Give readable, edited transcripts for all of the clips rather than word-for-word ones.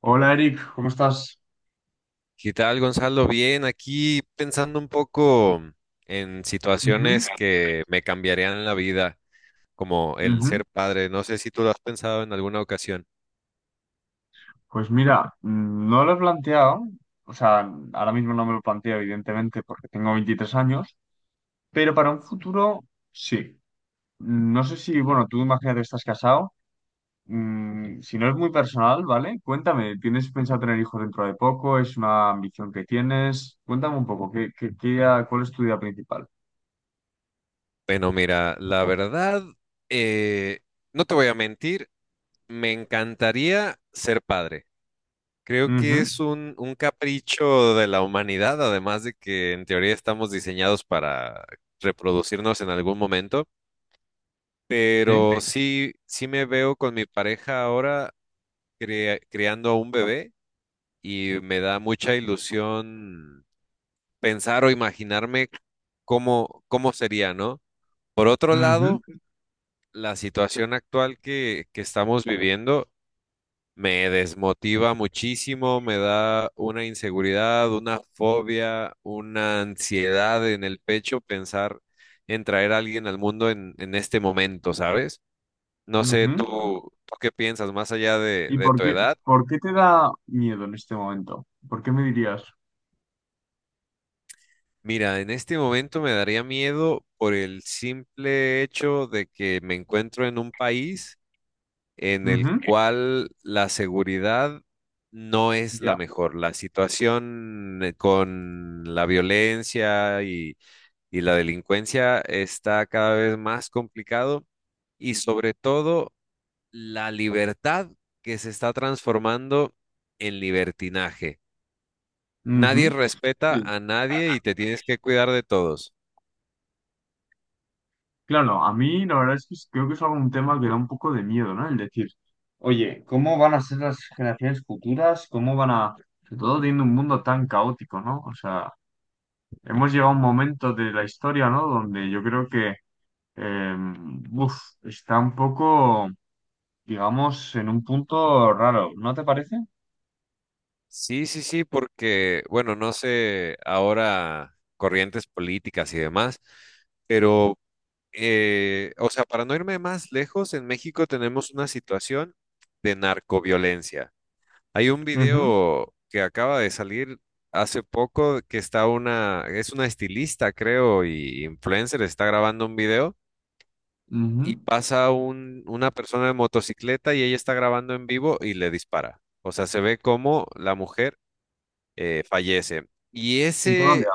Hola Eric, ¿cómo estás? ¿Qué tal, Gonzalo? Bien, aquí pensando un poco en Ujú, situaciones que me cambiarían la vida, como el ujú. ser padre. No sé si tú lo has pensado en alguna ocasión. Pues mira, no lo he planteado, o sea, ahora mismo no me lo planteo, evidentemente, porque tengo 23 años, pero para un futuro sí. No sé si, bueno, tú imagínate, estás casado, si no es muy personal, ¿vale? Cuéntame, ¿tienes pensado tener hijos dentro de poco? ¿Es una ambición que tienes? Cuéntame un poco, cuál es tu idea principal? Bueno, mira, la verdad, eh, no te voy a mentir, me encantaría ser padre. Creo que Ujú, es un capricho de la humanidad, además de que en teoría estamos diseñados para reproducirnos en algún momento. sí, Pero sí, sí me veo con mi pareja ahora criando a un bebé y me da mucha ilusión pensar o imaginarme cómo, cómo sería, ¿no? Por otro lado, ujú, la situación actual que estamos viviendo me desmotiva muchísimo, me da una inseguridad, una fobia, una ansiedad en el pecho pensar en traer a alguien al mundo en este momento, ¿sabes? No sé, tú, ujú. tú qué piensas, más allá ¿Y de tu edad. por qué te da miedo en este momento? ¿Por qué me dirías? Mira, en este momento me daría miedo por el simple hecho de que me encuentro en un país en el Ujú, cual la seguridad no es ya. la mejor. La situación con la violencia y la delincuencia está cada vez más complicado y sobre todo la libertad que se está transformando en libertinaje. Nadie Ujú. respeta Sí. a nadie y te tienes que cuidar de todos. Claro, a mí la verdad es que creo que es algún tema que da un poco de miedo, ¿no? El decir, oye, ¿cómo van a ser las generaciones futuras? ¿Cómo van a, sobre todo teniendo un mundo tan caótico, ¿no? O sea, hemos llegado a un momento de la historia, ¿no? Donde yo creo que, eh, uf, está un poco, digamos, en un punto raro, ¿no te parece? Sí, sí, sí, porque, bueno, no sé, ahora corrientes políticas y demás, pero, o sea, para no irme más lejos, en México tenemos una situación de narcoviolencia. Hay un Ujú, video que acaba de salir hace poco que está una, es una estilista, creo, y influencer, está grabando un video ujú. y pasa un, una persona de motocicleta y ella está grabando en vivo y le dispara. O sea, se ve cómo la mujer fallece. Y En Colombia. ese,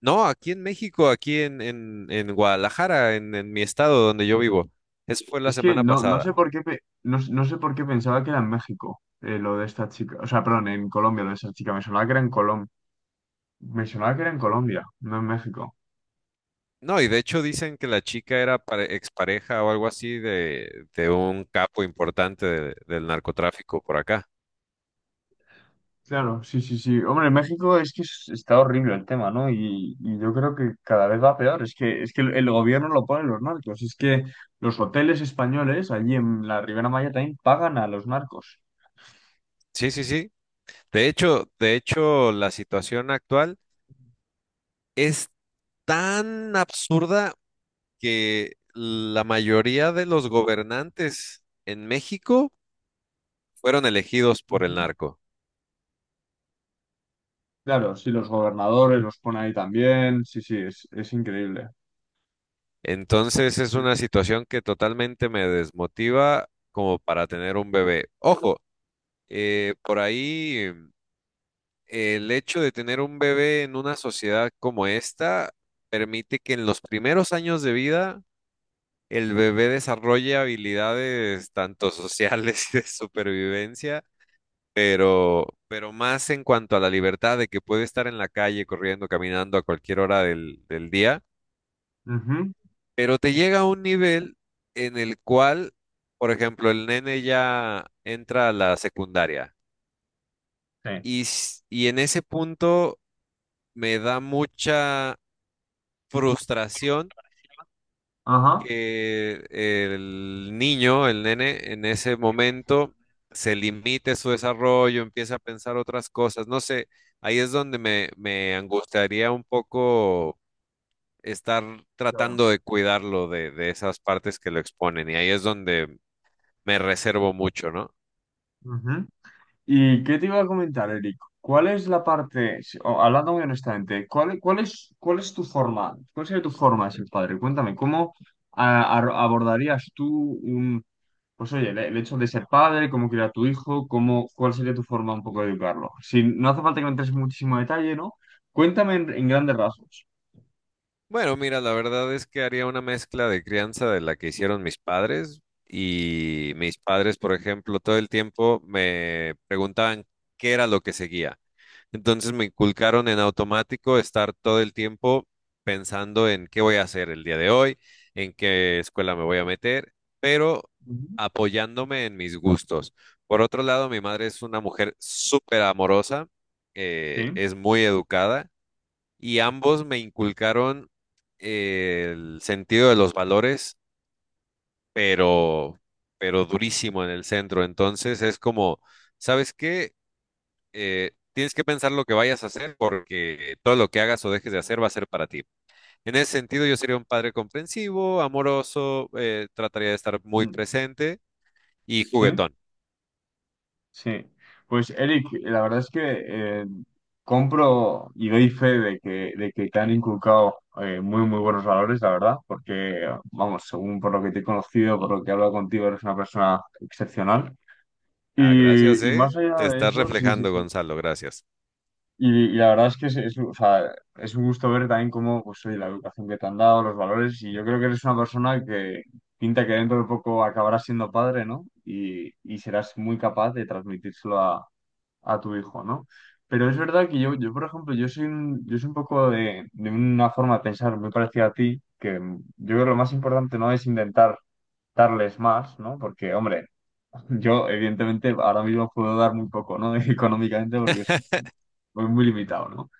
no, aquí en México, aquí en Guadalajara, en mi estado donde yo vivo, eso fue la Es que semana no, no pasada. sé por qué pe- no, no sé por qué pensaba que era en México lo de esta chica. O sea, perdón, en Colombia lo de esta chica. Me sonaba que era en Colombia. Me sonaba que era en Colombia, no en México. No, y de hecho dicen que la chica era expareja o algo así de un capo importante del narcotráfico por acá. Claro, sí, sí, sí. Hombre, en México es que está horrible el tema, ¿no? Y yo creo que cada vez va peor. Es que el gobierno lo ponen los narcos. Es que los hoteles españoles allí en la Ribera Maya también pagan a los narcos. Sí, sí, sí. De hecho, la situación actual es tan absurda que la mayoría de los gobernantes en México fueron elegidos por el Ujú. narco. Claro, sí, los gobernadores los ponen ahí también. Sí, sí, es increíble. Entonces es una situación que totalmente me desmotiva como para tener un bebé. Ojo, por ahí el hecho de tener un bebé en una sociedad como esta permite que en los primeros años de vida el bebé desarrolle habilidades tanto sociales y de supervivencia, pero más en cuanto a la libertad de que puede estar en la calle corriendo, caminando a cualquier hora del día. Ujú. Pero te llega a un nivel en el cual, por ejemplo, el nene ya entra a la secundaria Sí. y, y en ese punto me da mucha frustración Ajá. que el niño, el nene, en ese momento se limite su desarrollo, empieza a pensar otras cosas. No sé, ahí es donde me angustiaría un poco estar Claro. tratando de cuidarlo de esas partes que lo exponen y ahí es donde me reservo mucho, ¿no? Ujú. ¿Y qué te iba a comentar, Eric? ¿Cuál es la parte, o, hablando muy honestamente, cuál es tu forma? ¿Cuál sería tu forma de ser padre? Cuéntame, ¿cómo abordarías tú un, pues oye, el hecho de ser padre, cómo criar a tu hijo, cómo, cuál sería tu forma un poco de educarlo? Si no hace falta que me entres en muchísimo detalle, ¿no? Cuéntame en grandes rasgos. Bueno, mira, la verdad es que haría una mezcla de crianza de la que hicieron mis padres, y mis padres, por ejemplo, todo el tiempo me preguntaban qué era lo que seguía. Entonces me inculcaron en automático estar todo el tiempo pensando en qué voy a hacer el día de hoy, en qué escuela me voy a meter, pero Ujú. apoyándome en mis gustos. Por otro lado, mi madre es una mujer súper amorosa, Sí. Es muy educada y ambos me inculcaron el sentido de los valores, pero, pero durísimo en el centro. Entonces es como, ¿sabes qué? Tienes que pensar lo que vayas a hacer porque todo lo que hagas o dejes de hacer va a ser para ti. En ese sentido, yo sería un padre comprensivo, amoroso, trataría de estar muy Mm. presente y ¿Sí? juguetón. Sí, pues Eric, la verdad es que eh, compro y doy fe de que te han inculcado muy, muy buenos valores, la verdad, porque, vamos, según por lo que te he conocido, por lo que he hablado contigo, eres una persona excepcional. Ah, gracias, Y más ¿eh? allá Te de estás eso, sí, sí, reflejando, sí. Gonzalo, gracias. Y la verdad es que o sea, es un gusto ver también cómo, pues, oye, la educación que te han dado, los valores, y yo creo que eres una persona que pinta que dentro de poco acabarás siendo padre, ¿no? Y serás muy capaz de transmitírselo a tu hijo, ¿no? Pero es verdad que yo por ejemplo, yo soy un poco de una forma de pensar muy parecida a ti, que yo creo que lo más importante no es intentar darles más, ¿no? Porque, hombre, yo evidentemente ahora mismo puedo dar muy poco, ¿no? Económicamente porque soy muy limitado, ¿no?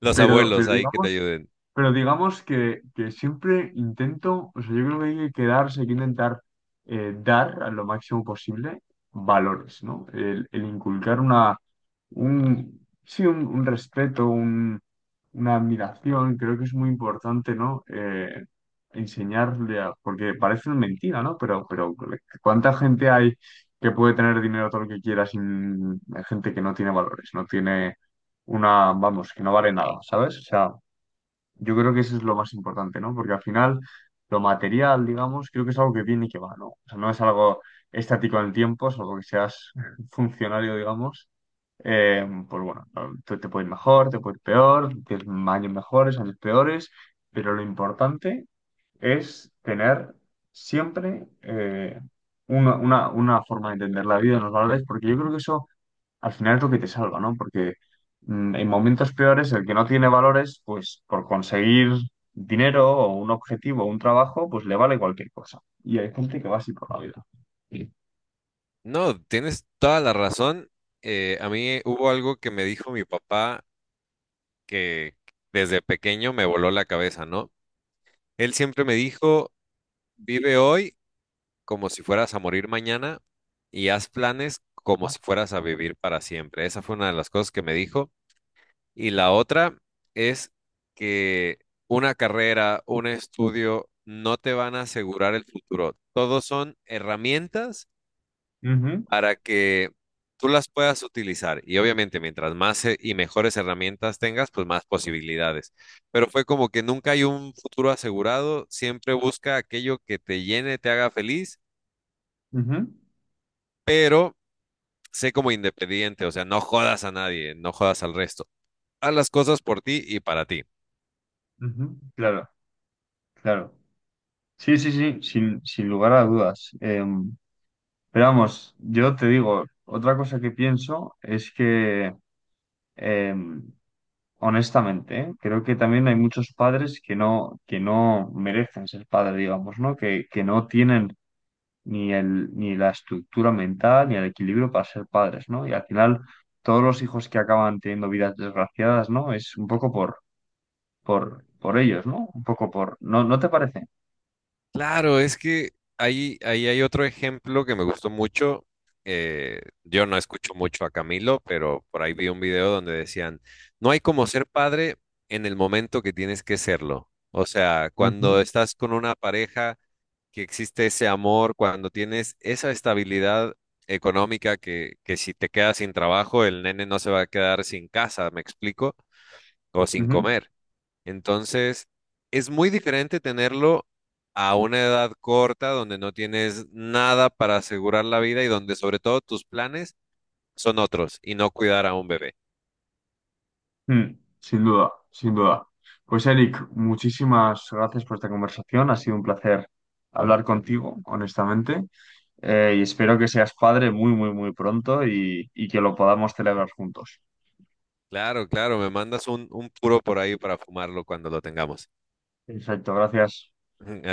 Los Pero, pero abuelos ahí que te digamos ayuden. pero digamos que siempre intento, o sea, yo creo que hay que quedarse, hay que intentar dar a lo máximo posible valores, ¿no? El inculcar una, un, sí, un respeto, un, una admiración, creo que es muy importante, ¿no? Enseñarle a, porque parece una mentira, ¿no? Pero ¿cuánta gente hay que puede tener dinero todo lo que quiera sin hay gente que no tiene valores, no tiene una, vamos, que no vale nada, ¿sabes? O sea, yo creo que eso es lo más importante, ¿no? Porque al final, lo material, digamos, creo que es algo que viene y que va, ¿no? O sea, no es algo estático en el tiempo, salvo que seas funcionario, digamos. Pues bueno, no, te puede ir mejor, te puede ir peor, tienes años mejores, años peores, pero lo importante es tener siempre una forma de entender la vida, y los valores, porque yo creo que eso al final es lo que te salva, ¿no? Porque en momentos peores, el que no tiene valores, pues por conseguir dinero o un objetivo o un trabajo, pues le vale cualquier cosa. Y hay gente que va así por la vida. Sí. No, tienes toda la razón. A mí hubo algo que me dijo mi papá que desde pequeño me voló la cabeza, ¿no? Él siempre me dijo, vive hoy como si fueras a morir mañana y haz planes como si fueras a vivir para siempre. Esa fue una de las cosas que me dijo. Y la otra es que una carrera, un estudio no te van a asegurar el futuro. Todos son herramientas Ujú, para que tú las puedas utilizar. Y obviamente, mientras más y mejores herramientas tengas, pues más posibilidades. Pero fue como que nunca hay un futuro asegurado, siempre busca aquello que te llene, te haga feliz, ujú, pero sé como independiente, o sea, no jodas a nadie, no jodas al resto. Haz las cosas por ti y para ti. ujú. Claro, claro. Sí, sí, sí, sin, sin lugar a dudas. Pero vamos, yo te digo, otra cosa que pienso es que em, honestamente, ¿eh? Creo que también hay muchos padres que que no merecen ser padre, digamos, ¿no? Que no tienen ni la estructura mental ni el equilibrio para ser padres, ¿no? Y al final, todos los hijos que acaban teniendo vidas desgraciadas, ¿no? Es un poco por ellos, ¿no? Un poco por. ¿No, no te parece? Claro, es que ahí, ahí hay otro ejemplo que me gustó mucho. Yo no escucho mucho a Camilo, pero por ahí vi un video donde decían, no hay como ser padre en el momento que tienes que serlo. O sea, Ujú, cuando estás con una pareja que existe ese amor, cuando tienes esa estabilidad económica que si te quedas sin trabajo, el nene no se va a quedar sin casa, ¿me explico? O sin ujú. comer. Entonces, es muy diferente tenerlo a una edad corta donde no tienes nada para asegurar la vida y donde sobre todo tus planes son otros y no cuidar a un bebé. Mm, sin duda, sin duda. Pues Eric, muchísimas gracias por esta conversación. Ha sido un placer hablar contigo, honestamente. Y espero que seas padre muy, muy, muy pronto y que lo podamos celebrar juntos. Claro, claro, me mandas un puro por ahí para fumarlo cuando lo tengamos. Exacto, gracias.